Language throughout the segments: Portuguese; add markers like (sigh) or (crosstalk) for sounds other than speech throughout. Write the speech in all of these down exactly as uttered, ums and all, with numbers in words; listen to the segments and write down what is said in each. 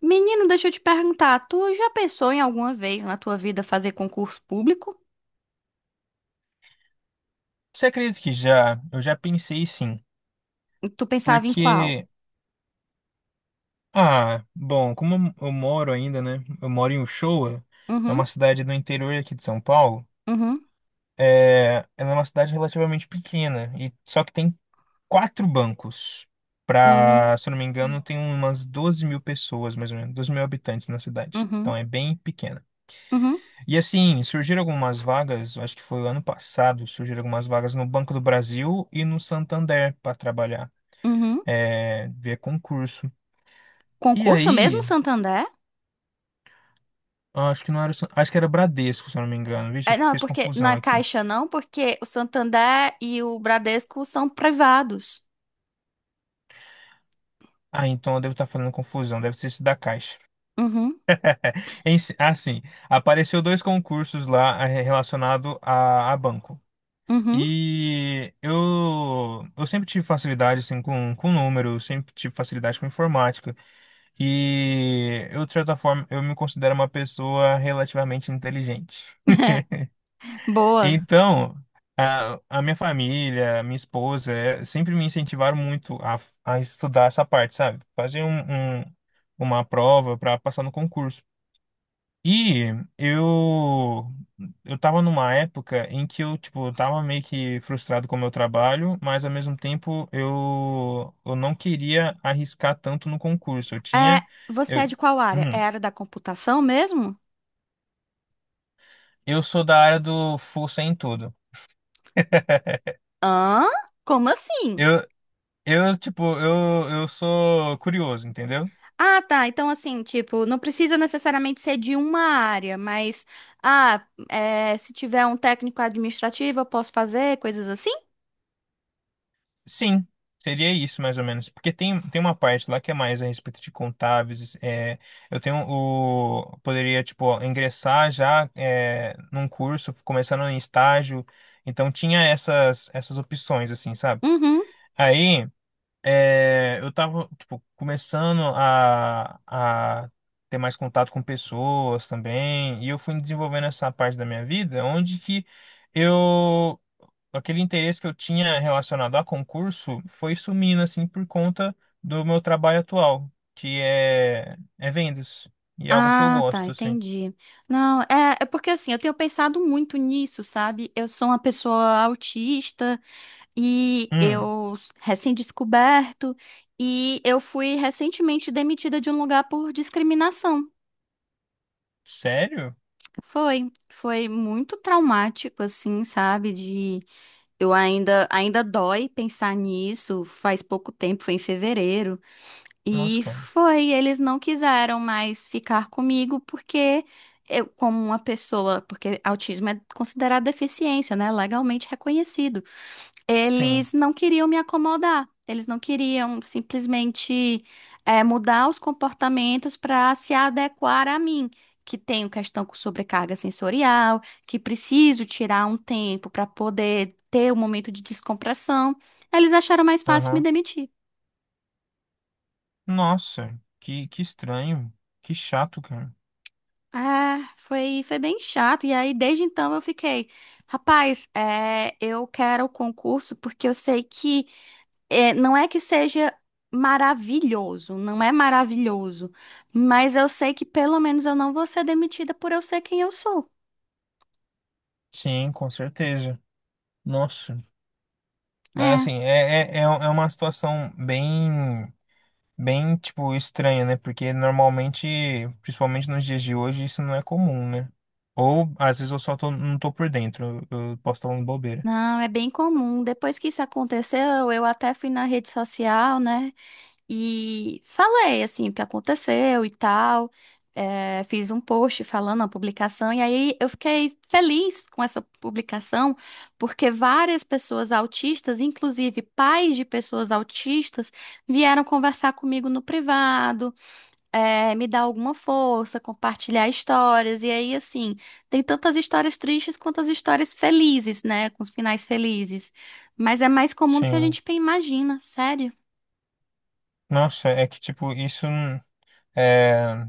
Menino, deixa eu te perguntar, tu já pensou em alguma vez na tua vida fazer concurso público? Você acredita que já? Eu já pensei, sim. E tu pensava em qual? Porque, ah, bom, como eu moro ainda, né? Eu moro em Uchoa, é Uhum, uma cidade do interior aqui de São Paulo. uhum, É, ela é uma cidade relativamente pequena, e só que tem quatro bancos. uhum, Pra, se eu não me engano, tem umas doze mil pessoas, mais ou menos, doze mil habitantes na cidade. Então uhum, é bem pequena. uhum, E assim, surgiram algumas vagas, eu acho que foi o ano passado, surgiram algumas vagas no Banco do Brasil e no Santander para trabalhar. uhum. É, via concurso. E Concurso mesmo, aí, Santander? acho que não era, o San- acho que era Bradesco, se eu não me engano. Vixe, É, eu não, é fiz porque confusão na aqui. Caixa não, porque o Santander e o Bradesco são privados. Ah, então eu devo estar falando confusão, deve ser esse da Caixa. Uhum, Em si- Ah, Apareceu dois concursos lá eh, relacionado a, a banco. uhum. E eu, eu sempre tive facilidade assim, com, com número, sempre tive facilidade com informática. E eu, de certa forma, eu me considero uma pessoa relativamente inteligente. (laughs) Boa. Então, a, a minha família, minha esposa, eh, sempre me incentivaram muito a, a estudar essa parte, sabe? Fazer um, um- uma prova para passar no concurso. E eu eu tava numa época em que eu, tipo, eu tava meio que frustrado com o meu trabalho, mas ao mesmo tempo eu, eu não queria arriscar tanto no concurso. Eu É, tinha, você é eu, de qual área? É hum, a área da computação mesmo? eu sou da área do força em tudo. Hã? Como assim? eu Eu, tipo, eu, eu sou curioso, entendeu? Ah, tá. Então, assim, tipo, não precisa necessariamente ser de uma área, mas, ah, é, se tiver um técnico administrativo, eu posso fazer coisas assim? Sim, seria isso mais ou menos. Porque tem, tem uma parte lá que é mais a respeito de contábeis. É, eu tenho o. Poderia, tipo, ingressar já é, num curso, começando em estágio. Então tinha essas, essas opções, assim, sabe? Uhum. Aí é, eu tava, tipo, começando a, a ter mais contato com pessoas também. E eu fui desenvolvendo essa parte da minha vida, onde que eu. Aquele interesse que eu tinha relacionado a concurso foi sumindo, assim, por conta do meu trabalho atual, que é, é vendas. E é algo que eu Ah, tá, gosto, assim. entendi. Não, é, é porque assim, eu tenho pensado muito nisso, sabe? Eu sou uma pessoa autista e Hum, eu s- recém-descoberto, e eu fui recentemente demitida de um lugar por discriminação. sério? Foi, foi muito traumático, assim, sabe? De eu ainda, ainda dói pensar nisso. Faz pouco tempo, foi em fevereiro. Nossa, E cara. foi, eles não quiseram mais ficar comigo porque eu, como uma pessoa, porque autismo é considerado deficiência, né? Legalmente reconhecido, Sim. eles não queriam me acomodar. Eles não queriam simplesmente eh, mudar os comportamentos para se adequar a mim, que tenho questão com sobrecarga sensorial, que preciso tirar um tempo para poder ter um momento de descompressão. Eles acharam mais fácil me Aham. demitir. Nossa, que, que estranho. Que chato, cara. É, foi, foi bem chato. E aí, desde então, eu fiquei, rapaz, eh, eu quero o concurso porque eu sei que. É, não é que seja maravilhoso, não é maravilhoso, mas eu sei que pelo menos eu não vou ser demitida por eu ser quem eu sou. Sim, com certeza. Nossa. É, É, assim, é, é, é é uma situação bem. bem, tipo, estranha, né? Porque normalmente, principalmente nos dias de hoje, isso não é comum, né? Ou às vezes eu só tô, não tô por dentro, eu eu posso estar falando bobeira. não, é bem comum. Depois que isso aconteceu, eu até fui na rede social, né? E falei, assim, o que aconteceu e tal. É, fiz um post falando a publicação, e aí eu fiquei feliz com essa publicação, porque várias pessoas autistas, inclusive pais de pessoas autistas, vieram conversar comigo no privado, é, me dar alguma força, compartilhar histórias. E aí, assim, tem tantas histórias tristes quanto as histórias felizes, né? Com os finais felizes. Mas é mais comum do que a Sim. gente imagina, sério. Nossa, é que, tipo, isso hum, é,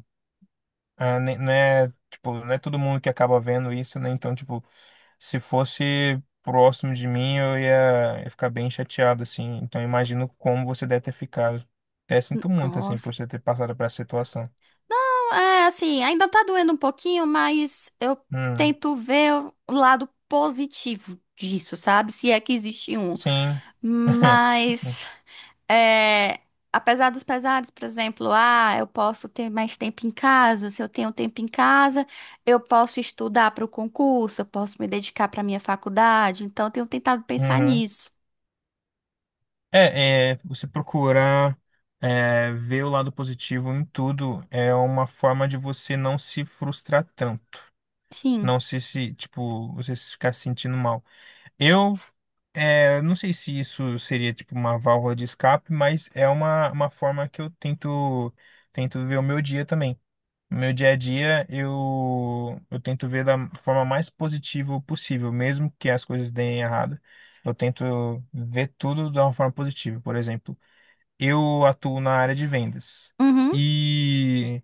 é, ne- não é, tipo, não é todo mundo que acaba vendo isso, né? Então, tipo, se fosse próximo de mim, eu ia, ia ficar bem chateado, assim. Então, eu imagino como você deve ter ficado. Até sinto muito, assim, Nossa. por você ter passado por essa situação. É, assim, ainda tá doendo um pouquinho, mas eu Hum, tento ver o lado positivo disso, sabe? Se é que existe um. sim. (laughs) Mas, é, apesar dos pesares, por exemplo, ah, eu posso ter mais tempo em casa. Se eu tenho tempo em casa, eu posso estudar para o concurso, eu posso me dedicar para minha faculdade. Então, eu tenho tentado pensar Uhum. nisso. É, é, você procurar é, ver o lado positivo em tudo é uma forma de você não se frustrar tanto, Sim. não se, se tipo, você se ficar se sentindo mal. Eu, é, não sei se isso seria tipo uma válvula de escape, mas é uma, uma forma que eu tento tento ver o meu dia também. No meu dia a dia, eu, eu tento ver da forma mais positiva possível, mesmo que as coisas deem errado. Eu tento ver tudo de uma forma positiva. Por exemplo, eu atuo na área de vendas Uhum, e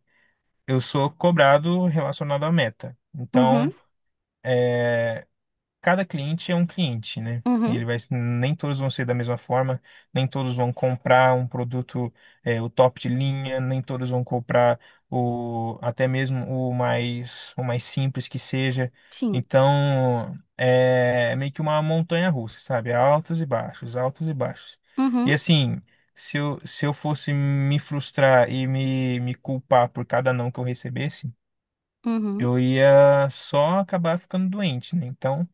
eu sou cobrado relacionado à meta. uhum, Então, eh, cada cliente é um cliente, né? uhum, Ele vai, nem todos vão ser da mesma forma, nem todos vão comprar um produto, é, o top de linha, nem todos vão comprar o até mesmo o mais o mais simples que seja. sim. Então, é meio que uma montanha russa, sabe? Altos e baixos, altos e baixos. Uhum, E assim, se eu, se eu fosse me frustrar e me, me culpar por cada não que eu recebesse, uhum. eu ia só acabar ficando doente, né? Então,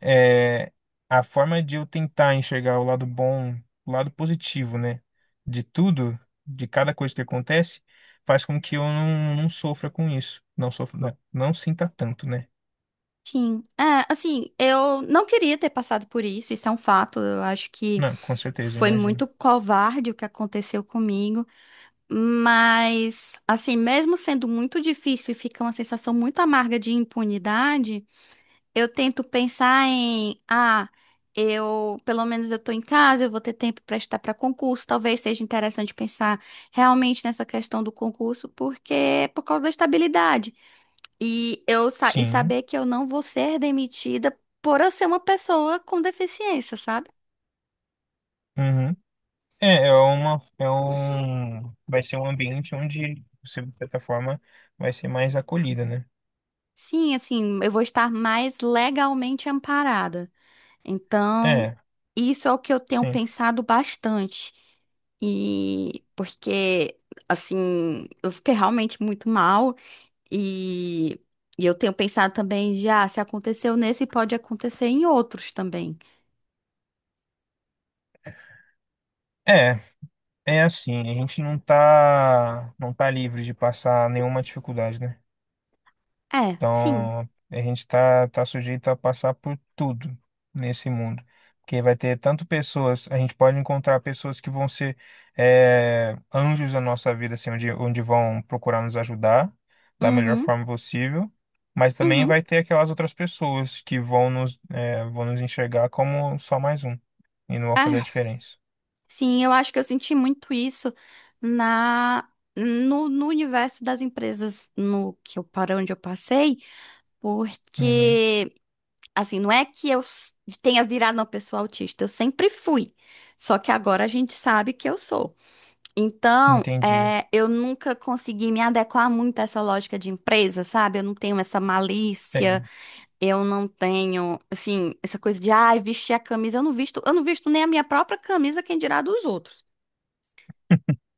é, a forma de eu tentar enxergar o lado bom, o lado positivo, né? De tudo, de cada coisa que acontece, faz com que eu não, não sofra com isso. Não sofra, não, não sinta tanto, né? Sim, é, assim, eu não queria ter passado por isso, isso é um fato. Eu acho que Não, com certeza, eu foi imagino. muito covarde o que aconteceu comigo, mas, assim, mesmo sendo muito difícil e fica uma sensação muito amarga de impunidade, eu tento pensar em, ah, eu, pelo menos eu tô em casa, eu vou ter tempo para estudar para concurso, talvez seja interessante pensar realmente nessa questão do concurso, porque é por causa da estabilidade. E eu sa- e Sim. saber que eu não vou ser demitida por eu ser uma pessoa com deficiência, sabe? Uhum. É, é uma, é um, vai ser um ambiente onde você, de certa forma, vai ser mais acolhida, né? Sim, assim, eu vou estar mais legalmente amparada. Então, É, isso é o que eu tenho sim. pensado bastante. E porque, assim, eu fiquei realmente muito mal. E, e eu tenho pensado também, já, se aconteceu nesse, pode acontecer em outros também. É, É assim, a gente não tá, não tá livre de passar nenhuma dificuldade, né? É, sim. Então, a gente tá, tá sujeito a passar por tudo nesse mundo. Porque vai ter tanto pessoas, a gente pode encontrar pessoas que vão ser, é, anjos na nossa vida, assim, onde, onde vão procurar nos ajudar da melhor Uhum, forma possível. Mas também uhum. vai ter aquelas outras pessoas que vão nos, é, vão nos enxergar como só mais um e não vão fazer a É. diferença. Sim, eu acho que eu senti muito isso na no, no universo das empresas no que eu para onde eu passei, Uhum, porque assim, não é que eu s- tenha virado uma pessoa autista, eu sempre fui. Só que agora a gente sabe que eu sou. Então, entendi. é, eu nunca consegui me adequar muito a essa lógica de empresa, sabe? Eu não tenho essa malícia, É eu não tenho, assim, essa coisa de, ai, vestir a camisa, eu não visto, eu não visto nem a minha própria camisa, quem dirá dos outros.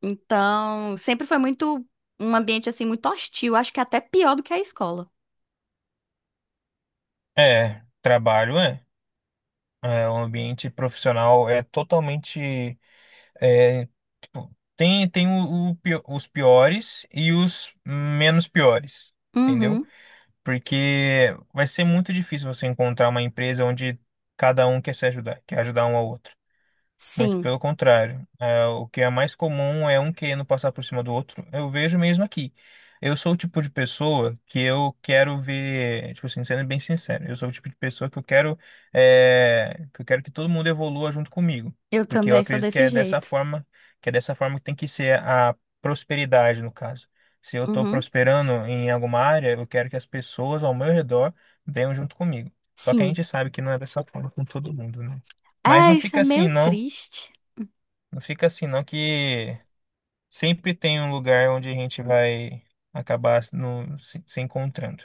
Então, sempre foi muito um ambiente assim muito hostil, acho que é até pior do que a escola. É, trabalho é. É, o ambiente profissional é totalmente. É, tipo, tem tem o, o pio- os piores e os menos piores, entendeu? Uhum. Porque vai ser muito difícil você encontrar uma empresa onde cada um quer se ajudar, quer ajudar um ao outro. Muito Sim, pelo contrário. É, o que é mais comum é um querendo passar por cima do outro. Eu vejo mesmo aqui. Eu sou o tipo de pessoa que eu quero ver, tipo assim, sendo bem sincero, eu sou o tipo de pessoa que eu quero, é, que eu quero que todo mundo evolua junto comigo, eu porque eu também sou acredito que desse é dessa jeito. forma, que é dessa forma que tem que ser a prosperidade, no caso. Se eu estou Uhum. prosperando em alguma área, eu quero que as pessoas ao meu redor venham junto comigo. Só que a Sim. gente sabe que não é dessa forma com todo mundo, né? Mas É, não isso é fica meio assim, não. triste. Não fica assim, não, que sempre tem um lugar onde a gente vai acabar se- no, se, se encontrando.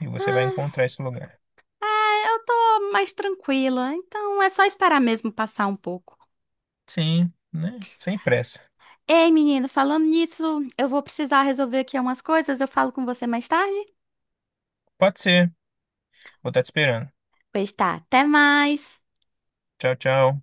E você vai Ah, encontrar esse lugar. é, eu tô mais tranquila, então é só esperar mesmo passar um pouco. Sim, né? Sem pressa. Ei, menino, falando nisso, eu vou precisar resolver aqui umas coisas, eu falo com você mais tarde? Pode ser. Vou estar te esperando. Pois tá, até mais. Tchau, tchau.